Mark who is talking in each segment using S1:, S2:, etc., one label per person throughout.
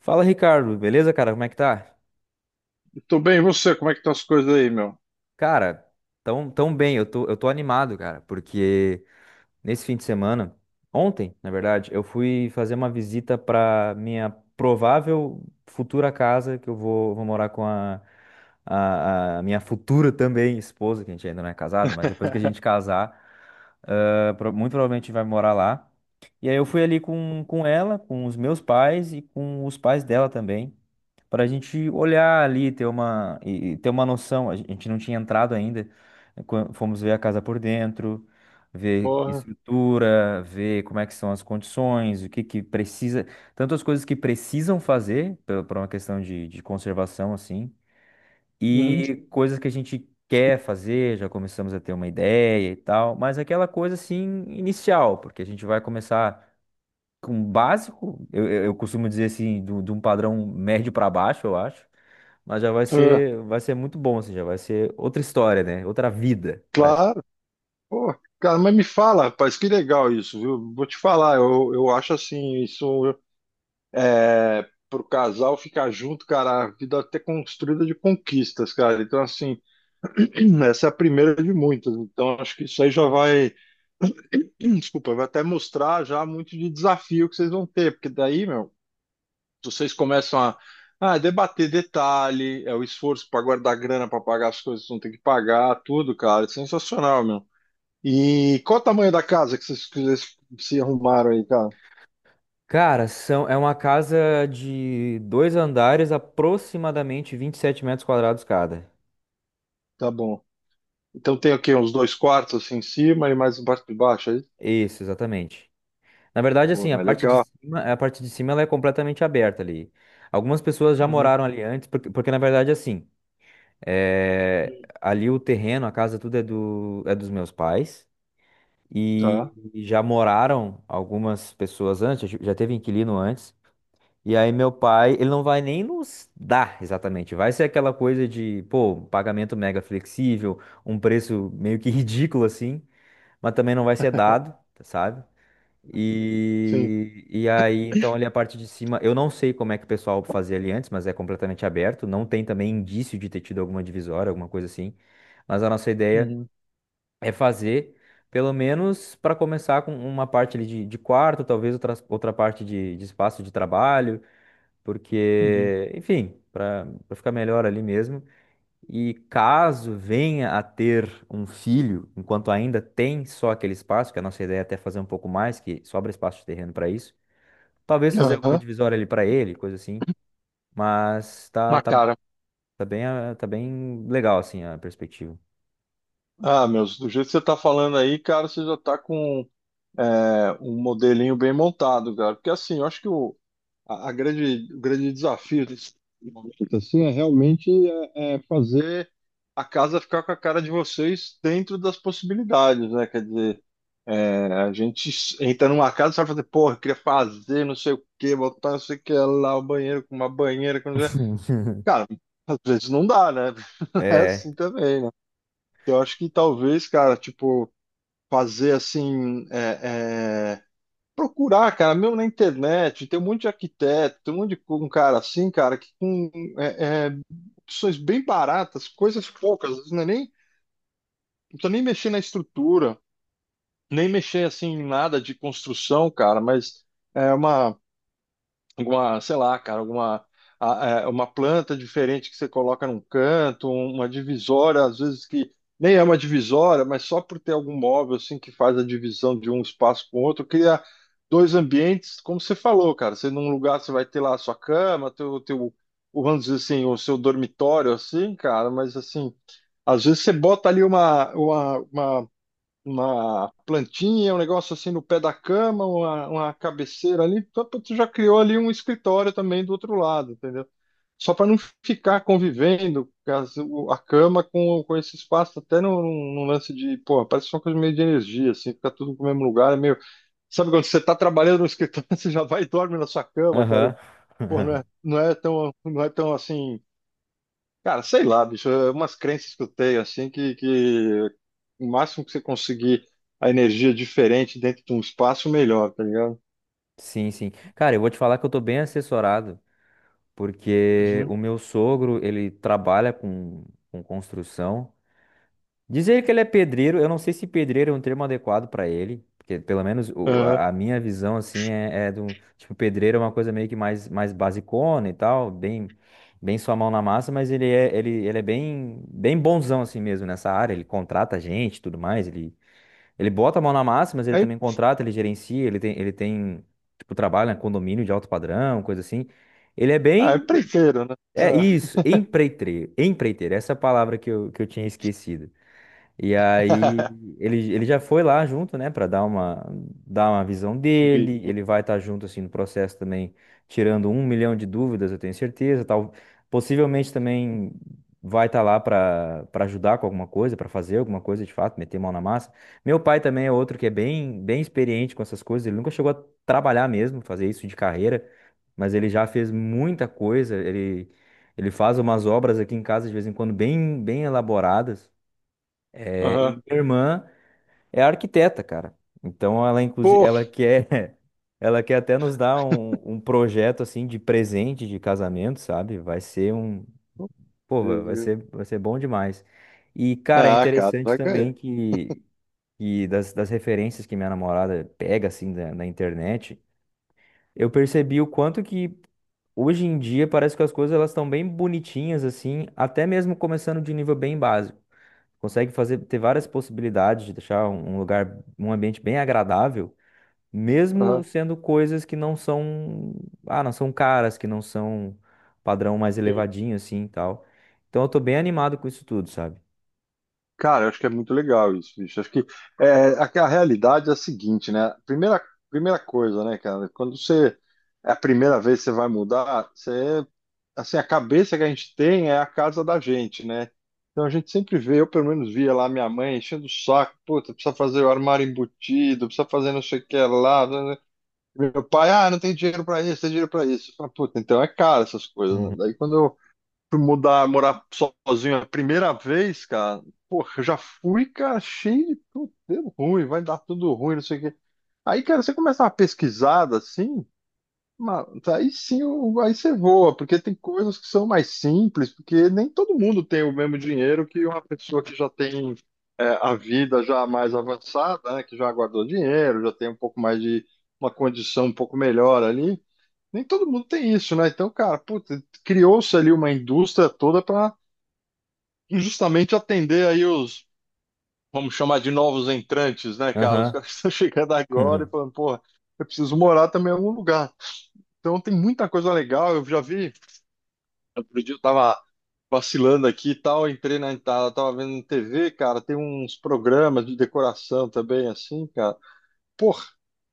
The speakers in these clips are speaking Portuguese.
S1: Fala, Ricardo, beleza, cara? Como é que tá?
S2: Tô bem, e você? Como é que estão as coisas aí, meu?
S1: Cara, tão bem, eu tô animado, cara, porque nesse fim de semana, ontem, na verdade, eu fui fazer uma visita pra minha provável futura casa, que eu vou morar com a minha futura também esposa, que a gente ainda não é casado, mas depois que a gente casar. Ela muito provavelmente vai morar lá. E aí eu fui ali com ela, com os meus pais e com os pais dela também, para a gente olhar ali, ter uma, ter uma noção. A gente não tinha entrado ainda, né, fomos ver a casa por dentro, ver
S2: Porra.
S1: estrutura, ver como é que são as condições, o que que precisa, tanto as coisas que precisam fazer, por uma questão de conservação, assim,
S2: Uhum.
S1: e coisas que a gente quer fazer, já começamos a ter uma ideia e tal, mas aquela coisa assim inicial, porque a gente vai começar com o básico, eu costumo dizer assim, de um padrão médio para baixo, eu acho, mas já vai
S2: É,
S1: ser, vai ser muito bom, assim, já vai ser outra história, né? Outra vida, prática.
S2: claro. Pô, cara, mas me fala, rapaz, que legal isso, viu? Vou te falar, eu acho assim, isso é pro casal ficar junto, cara, a vida até construída de conquistas, cara. Então, assim, essa é a primeira de muitas. Então, acho que isso aí já vai, desculpa, vai até mostrar já muito de desafio que vocês vão ter, porque daí, meu. Vocês começam a debater detalhe, é o esforço para guardar grana para pagar as coisas que não tem que pagar, tudo, cara. É sensacional, meu. E qual o tamanho da casa que vocês se arrumaram aí, cara?
S1: Cara, é uma casa de dois andares, aproximadamente 27 metros quadrados cada.
S2: Tá bom. Então tem o quê? Uns dois quartos assim em cima e mais um quarto de baixo aí?
S1: Isso, exatamente. Na verdade,
S2: Pô,
S1: assim, a
S2: mas
S1: parte de
S2: legal.
S1: cima, a parte de cima ela é completamente aberta ali. Algumas pessoas já
S2: Uhum.
S1: moraram ali antes, porque na verdade, assim, ali o terreno, a casa, tudo é dos meus pais. E,
S2: Tá,
S1: e já moraram algumas pessoas antes, já teve inquilino antes. E aí meu pai, ele não vai nem nos dar exatamente. Vai ser aquela coisa de, pô, um pagamento mega flexível, um preço meio que ridículo assim, mas também não vai ser dado, sabe?
S2: sim.
S1: E aí, então, ali a parte de cima, eu não sei como é que o pessoal fazia ali antes, mas é completamente aberto. Não tem também indício de ter tido alguma divisória, alguma coisa assim. Mas a nossa ideia
S2: Uhum.
S1: é fazer, pelo menos, para começar com uma parte ali de quarto, talvez outra parte de espaço de trabalho,
S2: Uhum.
S1: porque, enfim, para ficar melhor ali mesmo. E caso venha a ter um filho, enquanto ainda tem só aquele espaço, que a nossa ideia é até fazer um pouco mais, que sobra espaço de terreno para isso, talvez fazer alguma
S2: Aham.
S1: divisória ali para ele, coisa assim. Mas tá,
S2: Na
S1: tá,
S2: cara.
S1: tá bem, tá bem legal assim a perspectiva.
S2: Ah, meus, do jeito que você tá falando aí, cara, você já tá com um modelinho bem montado, cara. Porque assim, eu acho que a grande, o grande desafio desse momento assim, é realmente é fazer a casa ficar com a cara de vocês dentro das possibilidades, né? Quer dizer, é, a gente entra numa casa e vai fazer, porra, eu queria fazer não sei o que, botar não sei o que lá, o banheiro com uma banheira, com... não sei o quê." Cara, às vezes não dá, né? Não é assim
S1: É,
S2: também, né? Eu acho que talvez, cara, tipo, fazer assim, procurar, cara, mesmo na internet, tem um monte de arquiteto, tem um monte de um cara assim, cara, que com é, é, opções bem baratas, coisas poucas, às vezes não é nem, não precisa nem mexer na estrutura, nem mexer assim em nada de construção, cara, mas é uma alguma, sei lá, cara, alguma uma planta diferente que você coloca num canto, um, uma divisória, às vezes que nem é uma divisória, mas só por ter algum móvel assim que faz a divisão de um espaço com o outro, cria dois ambientes, como você falou, cara. Você num lugar você vai ter lá a sua cama, teu o vamos dizer assim, o seu dormitório assim, cara, mas assim, às vezes você bota ali uma plantinha, um negócio assim no pé da cama, uma cabeceira ali, tu já criou ali um escritório também do outro lado, entendeu? Só para não ficar convivendo a cama com esse espaço, até num, num lance de, pô, parece uma coisa meio de energia, assim, fica tudo no mesmo lugar, é meio. Sabe quando você está trabalhando no escritório, você já vai e dorme na sua cama, cara?
S1: aham.
S2: Eu, pô, não é, não é tão assim. Cara, sei lá, bicho, é umas crenças que eu tenho, assim, que o máximo que você conseguir a energia diferente dentro de um espaço, melhor, tá ligado?
S1: Sim, sim. Cara, eu vou te falar que eu tô bem assessorado, porque
S2: Uhum.
S1: o meu sogro, ele trabalha com construção. Dizer que ele é pedreiro, eu não sei se pedreiro é um termo adequado para ele, porque pelo menos o-
S2: Aham.
S1: a a minha visão assim é do tipo pedreiro é uma coisa meio que mais basicona e tal, bem sua mão na massa, mas ele é bem bonzão assim mesmo nessa área, ele contrata gente, e tudo mais, ele bota a mão na massa, mas ele
S2: Aí,
S1: também contrata, ele gerencia, ele tem tipo, trabalha em condomínio de alto padrão, coisa assim. Ele é
S2: ah, é
S1: bem,
S2: preteiro, né?
S1: é
S2: Ah.
S1: isso, empreiteiro, empreiteiro, essa é a palavra que eu tinha esquecido. E aí ele já foi lá junto, né, para dar uma visão dele.
S2: Bicho.
S1: Ele vai estar junto assim no processo também, tirando um milhão de dúvidas, eu tenho certeza, tal. Possivelmente também vai estar lá para ajudar com alguma coisa, para fazer alguma coisa de fato, meter mão na massa. Meu pai também é outro que é bem experiente com essas coisas. Ele nunca chegou a trabalhar mesmo, fazer isso de carreira, mas ele já fez muita coisa. Ele faz umas obras aqui em casa de vez em quando bem elaboradas. É, e
S2: Aham.
S1: minha irmã é arquiteta, cara. Então ela, inclusive,
S2: Pô!
S1: ela quer, ela quer até nos dar um projeto assim de presente de casamento, sabe? Vai ser um, pô, vai
S2: Deus,
S1: vai
S2: viu?
S1: ser vai ser bom demais. E cara, é
S2: Ah, cara,
S1: interessante
S2: vai ganhar.
S1: também que das referências que minha namorada pega assim na internet, eu percebi o quanto que hoje em dia parece que as coisas elas estão bem bonitinhas assim, até mesmo começando de nível bem básico consegue fazer ter várias possibilidades de deixar um lugar, um ambiente bem agradável, mesmo
S2: Aham.
S1: sendo coisas que não são caras, que não são padrão mais elevadinho assim e tal. Então eu tô bem animado com isso tudo, sabe?
S2: Cara, eu acho que é muito legal isso, bicho. Acho que é, a realidade é a seguinte, né? Primeira coisa, né, cara? Quando você é a primeira vez que você vai mudar, você assim, a cabeça que a gente tem é a casa da gente, né? Então a gente sempre vê, eu pelo menos via lá minha mãe enchendo o saco, puta, precisa fazer o armário embutido, precisa fazer não sei o que lá. Né? Né?" Meu pai, ah, não tem dinheiro pra isso, tem dinheiro pra isso. Eu falo, puta, então é caro essas coisas, né?
S1: Uhum.
S2: Daí quando fui mudar, morar sozinho a primeira vez, cara, porra, eu já fui, cara, cheio de tudo deu ruim, vai dar tudo ruim, não sei o quê. Aí, cara, você começa uma pesquisada assim, mano, aí sim, aí você voa, porque tem coisas que são mais simples, porque nem todo mundo tem o mesmo dinheiro que uma pessoa que já tem é, a vida já mais avançada, né, que já guardou dinheiro, já tem um pouco mais de uma condição um pouco melhor ali nem todo mundo tem isso, né? Então, cara, puta, criou-se ali uma indústria toda para justamente atender aí os, vamos chamar de novos entrantes, né, cara? Os
S1: Aham.
S2: caras estão chegando agora e
S1: Uhum.
S2: falando, porra, eu preciso morar também em algum lugar. Então tem muita coisa legal, eu já vi, outro dia eu tava vacilando aqui e tal, entrei na tava vendo na TV, cara, tem uns programas de decoração também, assim, cara. Porra,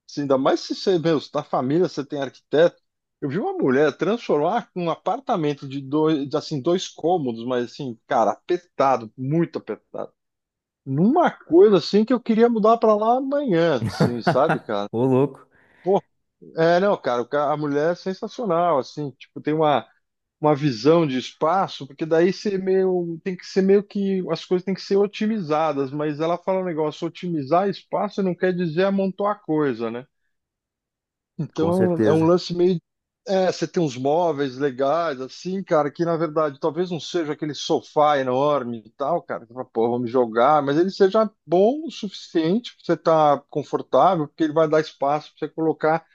S2: assim, ainda mais se você, meu, se na família você tem arquiteto. Eu vi uma mulher transformar um apartamento de dois, de, assim, dois cômodos, mas assim, cara, apertado, muito apertado. Numa coisa assim que eu queria mudar pra lá amanhã, assim, sabe, cara?
S1: Ô louco.
S2: Pô, é, não, cara, a mulher é sensacional, assim, tipo, tem uma visão de espaço, porque daí você meio, tem que ser meio que, as coisas têm que ser otimizadas, mas ela fala um negócio, otimizar espaço não quer dizer amontoar coisa, né?
S1: Com
S2: Então é um
S1: certeza.
S2: lance meio. É, você tem uns móveis legais, assim, cara, que na verdade talvez não seja aquele sofá enorme e tal, cara, que você fala, pô, vou me jogar, mas ele seja bom o suficiente pra você estar confortável, porque ele vai dar espaço pra você colocar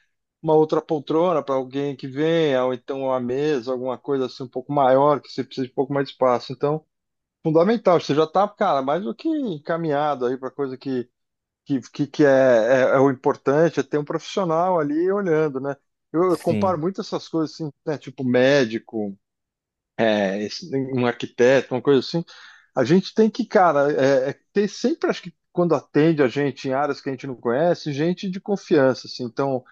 S2: uma outra poltrona para alguém que venha, ou então uma mesa, alguma coisa assim um pouco maior, que você precisa de um pouco mais de espaço. Então, fundamental, você já tá, cara, mais do que encaminhado aí para coisa que é, é, é o importante, é ter um profissional ali olhando, né? Eu comparo
S1: Sim.
S2: muito essas coisas assim, né? Tipo médico, é, um arquiteto, uma coisa assim. A gente tem que, cara, é, é ter sempre, acho que quando atende a gente em áreas que a gente não conhece, gente de confiança, assim. Então,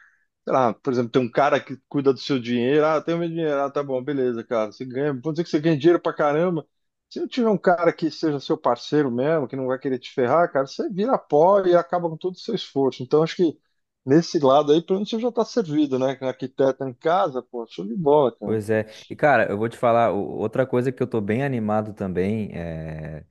S2: sei lá, por exemplo, tem um cara que cuida do seu dinheiro, ah, tem o meu dinheiro, ah, tá bom, beleza, cara, você ganha, vamos dizer que você ganha dinheiro pra caramba. Se não tiver um cara que seja seu parceiro mesmo, que não vai querer te ferrar, cara, você vira pó e acaba com todo o seu esforço. Então, acho que nesse lado aí, pelo menos você já tá servido, né? Com arquiteto em casa, pô, show de bola, cara.
S1: Pois é. E cara, eu vou te falar, outra coisa que eu tô bem animado também, é.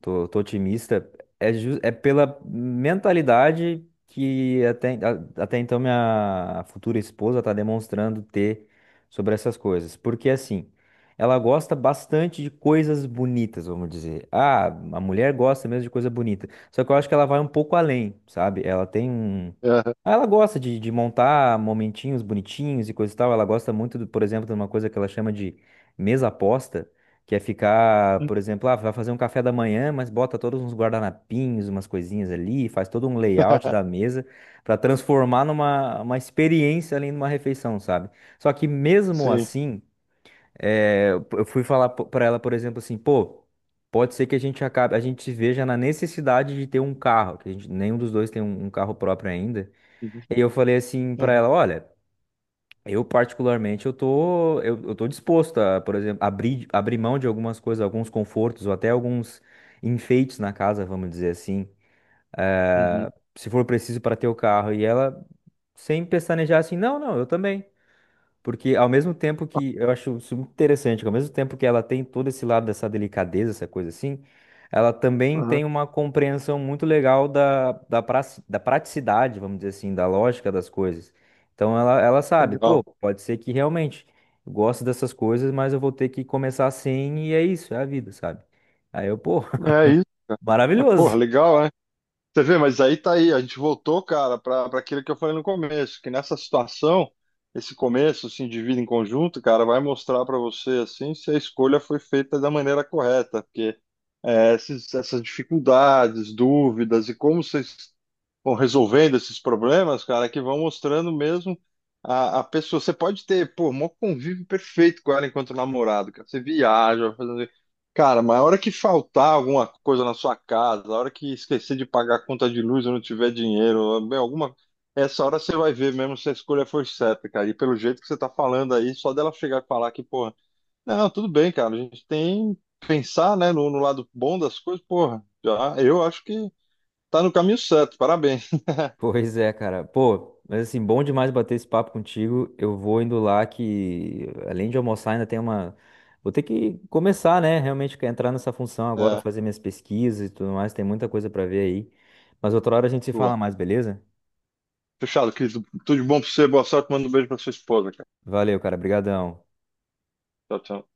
S1: Tô, otimista. É, é pela mentalidade que até, até então minha futura esposa está demonstrando ter sobre essas coisas. Porque assim, ela gosta bastante de coisas bonitas, vamos dizer. Ah, a mulher gosta mesmo de coisa bonita. Só que eu acho que ela vai um pouco além, sabe? Ela tem um.
S2: É,
S1: Ah, ela gosta de montar momentinhos bonitinhos e coisa e tal. Ela gosta muito, por exemplo, de uma coisa que ela chama de mesa aposta, que é ficar, por exemplo, ah, vai fazer um café da manhã, mas bota todos uns guardanapinhos, umas coisinhas ali, faz todo um layout da mesa para transformar numa uma experiência ali numa refeição, sabe? Só que mesmo
S2: sim.
S1: assim, eu fui falar para ela, por exemplo, assim, pô, pode ser que a gente se veja na necessidade de ter um carro, que a gente, nenhum dos dois tem um carro próprio ainda. E eu falei assim para
S2: Uhum,
S1: ela, olha, eu, particularmente, eu tô disposto a, por exemplo, abrir mão de algumas coisas, alguns confortos, ou até alguns enfeites na casa, vamos dizer assim. Ah,
S2: uhum,
S1: se for preciso para ter o carro. E ela, sem pestanejar, assim, não, não, eu também. Porque ao mesmo tempo
S2: uhum,
S1: que eu acho isso muito interessante, que ao mesmo tempo que ela tem todo esse lado dessa delicadeza, essa coisa assim, ela também
S2: uhum,
S1: tem uma compreensão muito legal da praticidade, vamos dizer assim, da lógica das coisas. Então ela sabe,
S2: legal.
S1: pô, pode ser que realmente eu gosto dessas coisas, mas eu vou ter que começar assim e é isso, é a vida, sabe? Aí eu, pô,
S2: É isso. Porra,
S1: maravilhoso.
S2: legal, né? Você vê, mas aí tá aí, a gente voltou, cara, para aquilo que eu falei no começo, que nessa situação, esse começo, assim, de vida em conjunto, cara, vai mostrar para você, assim, se a escolha foi feita da maneira correta, porque é, esses- essas dificuldades, dúvidas e como vocês vão resolvendo esses problemas, cara, que vão mostrando mesmo a pessoa. Você pode ter, pô, um convívio perfeito com ela enquanto namorado, cara, você viaja, vai fazendo cara, mas a hora que faltar alguma coisa na sua casa, a hora que esquecer de pagar a conta de luz ou não tiver dinheiro, bem, alguma. Essa hora você vai ver mesmo se a escolha foi certa, cara. E pelo jeito que você tá falando aí, só dela chegar e falar que, porra, não, tudo bem, cara, a gente tem que pensar, né, no, no lado bom das coisas, porra, já, eu acho que tá no caminho certo, parabéns.
S1: Pois é, cara. Pô, mas assim, bom demais bater esse papo contigo. Eu vou indo lá que, além de almoçar, ainda tem uma. Vou ter que começar, né? Realmente que entrar nessa função agora,
S2: É,
S1: fazer minhas pesquisas e tudo mais. Tem muita coisa pra ver aí. Mas outra hora a gente se fala
S2: boa.
S1: mais, beleza?
S2: Fechado, querido. Tudo de bom pra você, boa sorte, manda um beijo pra sua esposa, cara.
S1: Valeu, cara. Obrigadão.
S2: Tchau, tchau.